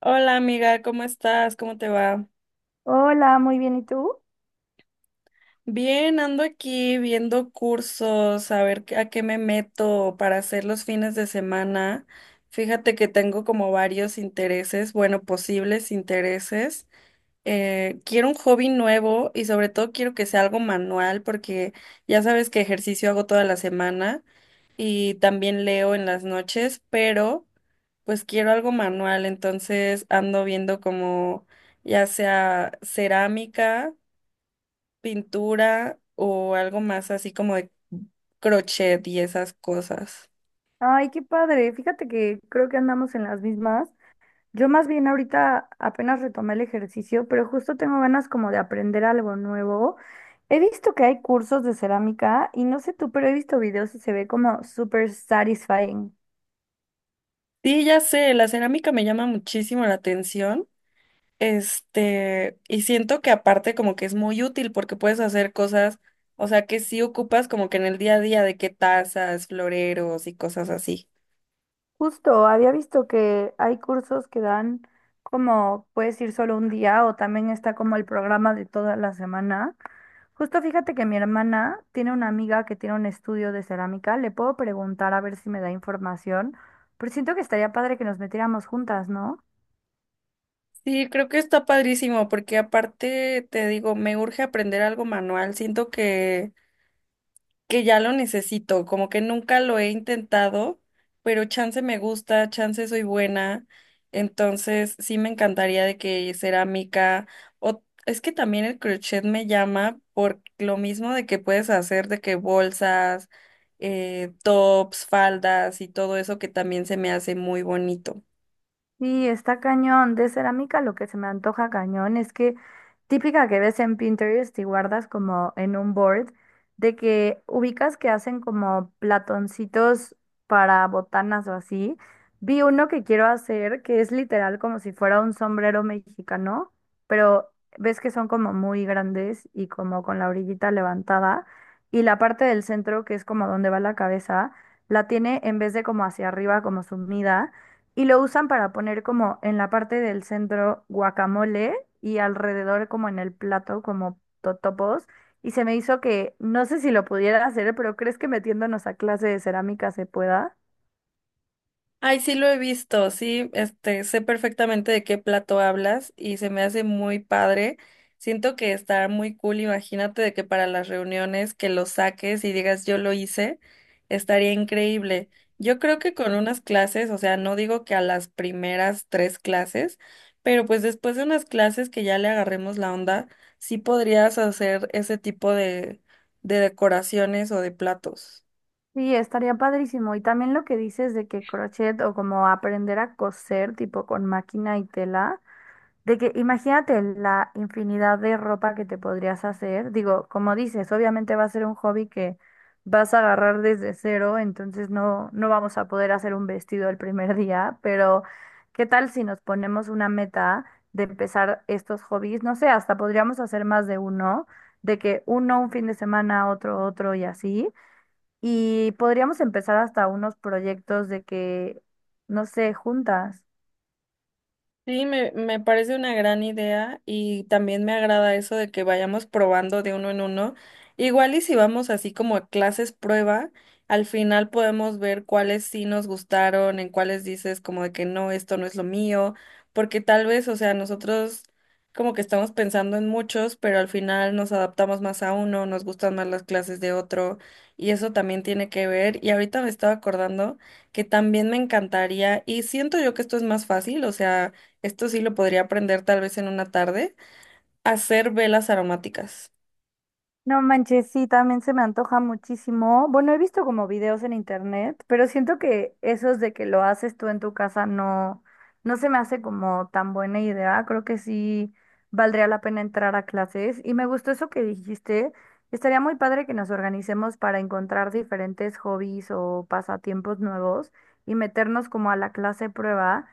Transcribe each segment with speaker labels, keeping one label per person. Speaker 1: Hola amiga, ¿cómo estás? ¿Cómo te va?
Speaker 2: Hola, muy bien, ¿y tú?
Speaker 1: Bien, ando aquí viendo cursos, a ver a qué me meto para hacer los fines de semana. Fíjate que tengo como varios intereses, bueno, posibles intereses. Quiero un hobby nuevo y sobre todo quiero que sea algo manual porque ya sabes que ejercicio hago toda la semana, y también leo en las noches, pero pues quiero algo manual, entonces ando viendo como ya sea cerámica, pintura o algo más así como de crochet y esas cosas.
Speaker 2: Ay, qué padre. Fíjate que creo que andamos en las mismas. Yo más bien ahorita apenas retomé el ejercicio, pero justo tengo ganas como de aprender algo nuevo. He visto que hay cursos de cerámica y no sé tú, pero he visto videos y se ve como súper satisfying.
Speaker 1: Sí, ya sé, la cerámica me llama muchísimo la atención. Este, y siento que aparte como que es muy útil porque puedes hacer cosas, o sea, que sí ocupas como que en el día a día de que tazas, floreros y cosas así.
Speaker 2: Justo, había visto que hay cursos que dan como puedes ir solo un día o también está como el programa de toda la semana. Justo fíjate que mi hermana tiene una amiga que tiene un estudio de cerámica, le puedo preguntar a ver si me da información, pero siento que estaría padre que nos metiéramos juntas, ¿no?
Speaker 1: Sí, creo que está padrísimo porque aparte te digo, me urge aprender algo manual, siento que ya lo necesito, como que nunca lo he intentado, pero chance me gusta, chance soy buena, entonces sí me encantaría de que cerámica o es que también el crochet me llama por lo mismo de que puedes hacer de que bolsas, tops, faldas y todo eso que también se me hace muy bonito.
Speaker 2: Sí, está cañón. De cerámica lo que se me antoja cañón es que típica que ves en Pinterest y guardas como en un board, de que ubicas que hacen como platoncitos para botanas o así. Vi uno que quiero hacer que es literal como si fuera un sombrero mexicano, pero ves que son como muy grandes y como con la orillita levantada y la parte del centro que es como donde va la cabeza, la tiene en vez de como hacia arriba como sumida y lo usan para poner como en la parte del centro guacamole y alrededor como en el plato como totopos. Y se me hizo que, no sé si lo pudiera hacer, pero ¿crees que metiéndonos a clase de cerámica se pueda?
Speaker 1: Ay, sí lo he visto, sí, este, sé perfectamente de qué plato hablas y se me hace muy padre. Siento que está muy cool, imagínate de que para las reuniones que lo saques y digas yo lo hice, estaría increíble. Yo creo que con unas clases, o sea, no digo que a las primeras tres clases, pero pues después de unas clases que ya le agarremos la onda, sí podrías hacer ese tipo de decoraciones o de platos.
Speaker 2: Sí, estaría padrísimo. Y también lo que dices de que crochet o como aprender a coser tipo con máquina y tela, de que imagínate la infinidad de ropa que te podrías hacer. Digo, como dices, obviamente va a ser un hobby que vas a agarrar desde cero, entonces no, no vamos a poder hacer un vestido el primer día, pero ¿qué tal si nos ponemos una meta de empezar estos hobbies? No sé, hasta podríamos hacer más de uno, de que uno un fin de semana, otro otro y así. Y podríamos empezar hasta unos proyectos de que, no sé, juntas.
Speaker 1: Sí, me parece una gran idea y también me agrada eso de que vayamos probando de uno en uno. Igual y si vamos así como a clases prueba, al final podemos ver cuáles sí nos gustaron, en cuáles dices como de que no, esto no es lo mío, porque tal vez, o sea, nosotros como que estamos pensando en muchos, pero al final nos adaptamos más a uno, nos gustan más las clases de otro y eso también tiene que ver. Y ahorita me estaba acordando que también me encantaría y siento yo que esto es más fácil, o sea esto sí lo podría aprender tal vez en una tarde, hacer velas aromáticas.
Speaker 2: No manches, sí, también se me antoja muchísimo. Bueno, he visto como videos en internet, pero siento que esos de que lo haces tú en tu casa no, no se me hace como tan buena idea. Creo que sí valdría la pena entrar a clases. Y me gustó eso que dijiste. Estaría muy padre que nos organicemos para encontrar diferentes hobbies o pasatiempos nuevos y meternos como a la clase prueba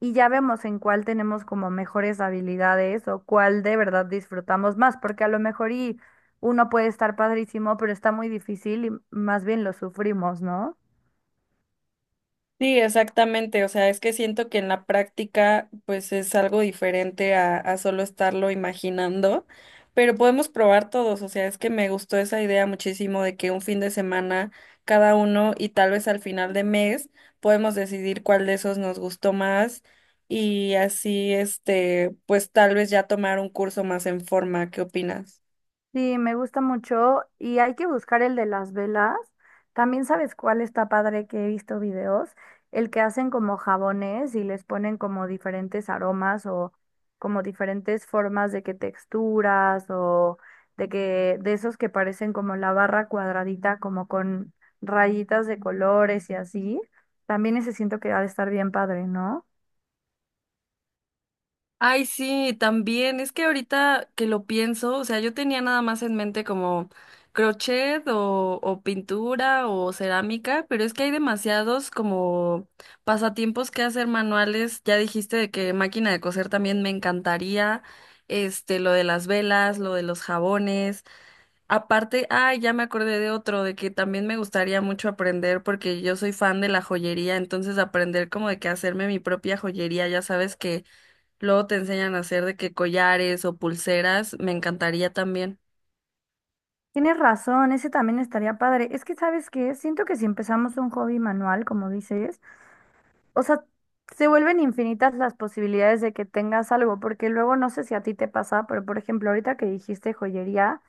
Speaker 2: y ya vemos en cuál tenemos como mejores habilidades o cuál de verdad disfrutamos más, porque a lo mejor y uno puede estar padrísimo, pero está muy difícil y más bien lo sufrimos, ¿no?
Speaker 1: Sí, exactamente. O sea, es que siento que en la práctica, pues es algo diferente a solo estarlo imaginando, pero podemos probar todos. O sea, es que me gustó esa idea muchísimo de que un fin de semana cada uno y tal vez al final de mes podemos decidir cuál de esos nos gustó más y así, este, pues tal vez ya tomar un curso más en forma. ¿Qué opinas?
Speaker 2: Sí, me gusta mucho y hay que buscar el de las velas. También sabes cuál está padre que he visto videos, el que hacen como jabones y les ponen como diferentes aromas o como diferentes formas de que texturas o de que de esos que parecen como la barra cuadradita como con rayitas de colores y así. También ese siento que ha de estar bien padre, ¿no?
Speaker 1: Ay, sí, también. Es que ahorita que lo pienso, o sea, yo tenía nada más en mente como crochet o pintura o cerámica, pero es que hay demasiados como pasatiempos que hacer manuales. Ya dijiste de que máquina de coser también me encantaría. Este, lo de las velas, lo de los jabones. Aparte, ay, ya me acordé de otro, de que también me gustaría mucho aprender porque yo soy fan de la joyería, entonces aprender como de que hacerme mi propia joyería, ya sabes que luego te enseñan a hacer de que collares o pulseras, me encantaría también.
Speaker 2: Tienes razón, ese también estaría padre. Es que, ¿sabes qué? Siento que si empezamos un hobby manual, como dices, o sea, se vuelven infinitas las posibilidades de que tengas algo, porque luego no sé si a ti te pasa, pero por ejemplo, ahorita que dijiste joyería,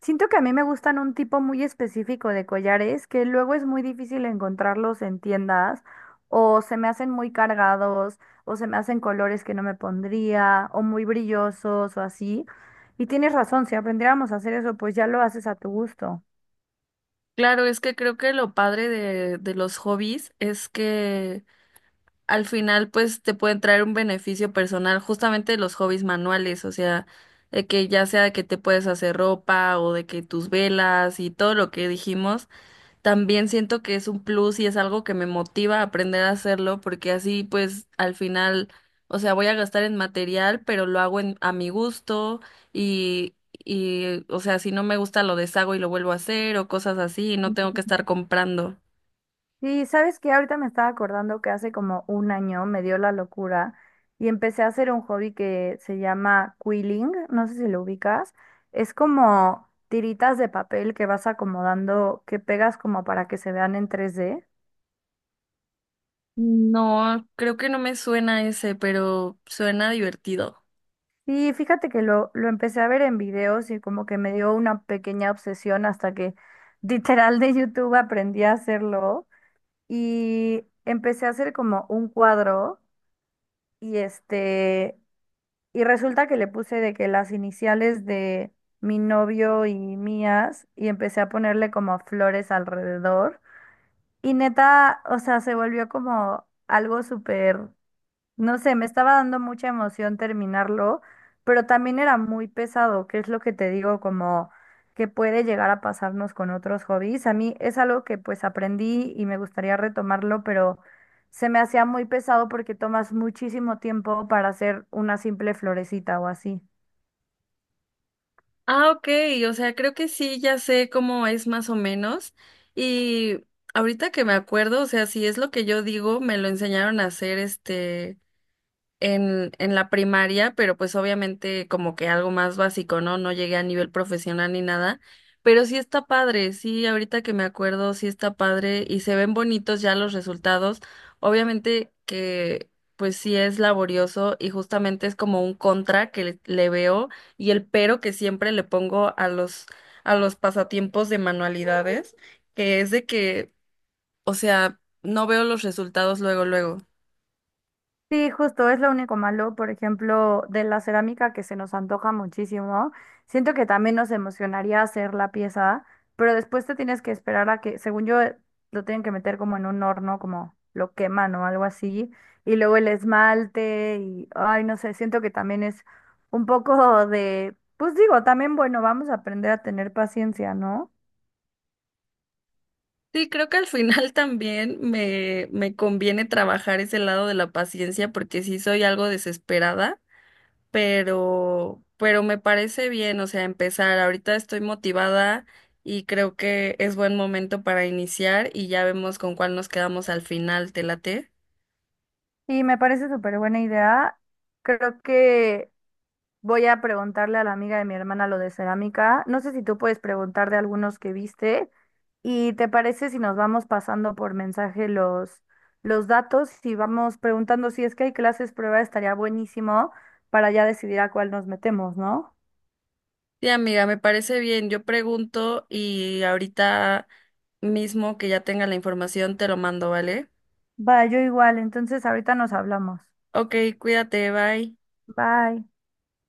Speaker 2: siento que a mí me gustan un tipo muy específico de collares que luego es muy difícil encontrarlos en tiendas, o se me hacen muy cargados, o se me hacen colores que no me pondría, o muy brillosos, o así. Y tienes razón, si aprendiéramos a hacer eso, pues ya lo haces a tu gusto.
Speaker 1: Claro, es que creo que lo padre de los hobbies es que al final pues te pueden traer un beneficio personal, justamente los hobbies manuales, o sea, de que ya sea de que te puedes hacer ropa o de que tus velas y todo lo que dijimos. También siento que es un plus y es algo que me motiva a aprender a hacerlo porque así pues al final, o sea, voy a gastar en material, pero lo hago a mi gusto y, y o sea, si no me gusta lo deshago y lo vuelvo a hacer o cosas así y no tengo que estar comprando.
Speaker 2: Sí, sabes que ahorita me estaba acordando que hace como un año me dio la locura y empecé a hacer un hobby que se llama quilling, no sé si lo ubicas, es como tiritas de papel que vas acomodando, que pegas como para que se vean en 3D.
Speaker 1: No, creo que no me suena ese, pero suena divertido.
Speaker 2: Y fíjate que lo empecé a ver en videos y como que me dio una pequeña obsesión hasta que literal de YouTube aprendí a hacerlo y empecé a hacer como un cuadro y este... Y resulta que le puse de que las iniciales de mi novio y mías y empecé a ponerle como flores alrededor. Y neta, o sea, se volvió como algo súper, no sé, me estaba dando mucha emoción terminarlo, pero también era muy pesado, que es lo que te digo, como que puede llegar a pasarnos con otros hobbies. A mí es algo que pues aprendí y me gustaría retomarlo, pero se me hacía muy pesado porque tomas muchísimo tiempo para hacer una simple florecita o así.
Speaker 1: Ah, ok, o sea, creo que sí, ya sé cómo es más o menos. Y ahorita que me acuerdo, o sea, si es lo que yo digo, me lo enseñaron a hacer este en la primaria, pero pues obviamente como que algo más básico, ¿no? No llegué a nivel profesional ni nada, pero sí está padre, sí, ahorita que me acuerdo, sí está padre y se ven bonitos ya los resultados. Obviamente que pues sí es laborioso y justamente es como un contra que le veo y el pero que siempre le pongo a los pasatiempos de manualidades, que es de que, o sea, no veo los resultados luego, luego.
Speaker 2: Sí, justo, es lo único malo, por ejemplo, de la cerámica que se nos antoja muchísimo. Siento que también nos emocionaría hacer la pieza, pero después te tienes que esperar a que, según yo, lo tienen que meter como en un horno, como lo queman o algo así, y luego el esmalte y, ay, no sé, siento que también es un poco de, pues digo, también, bueno, vamos a aprender a tener paciencia, ¿no?
Speaker 1: Sí, creo que al final también me conviene trabajar ese lado de la paciencia porque sí soy algo desesperada, pero me parece bien, o sea, empezar. Ahorita estoy motivada y creo que es buen momento para iniciar y ya vemos con cuál nos quedamos al final, ¿te late?
Speaker 2: Y me parece súper buena idea. Creo que voy a preguntarle a la amiga de mi hermana lo de cerámica. No sé si tú puedes preguntar de algunos que viste. ¿Y te parece si nos vamos pasando por mensaje los datos? Si vamos preguntando si es que hay clases prueba, estaría buenísimo para ya decidir a cuál nos metemos, ¿no?
Speaker 1: Sí, amiga, me parece bien. Yo pregunto y ahorita mismo que ya tenga la información te lo mando, ¿vale?
Speaker 2: Va, yo igual. Entonces ahorita nos hablamos.
Speaker 1: Ok, cuídate, bye.
Speaker 2: Bye.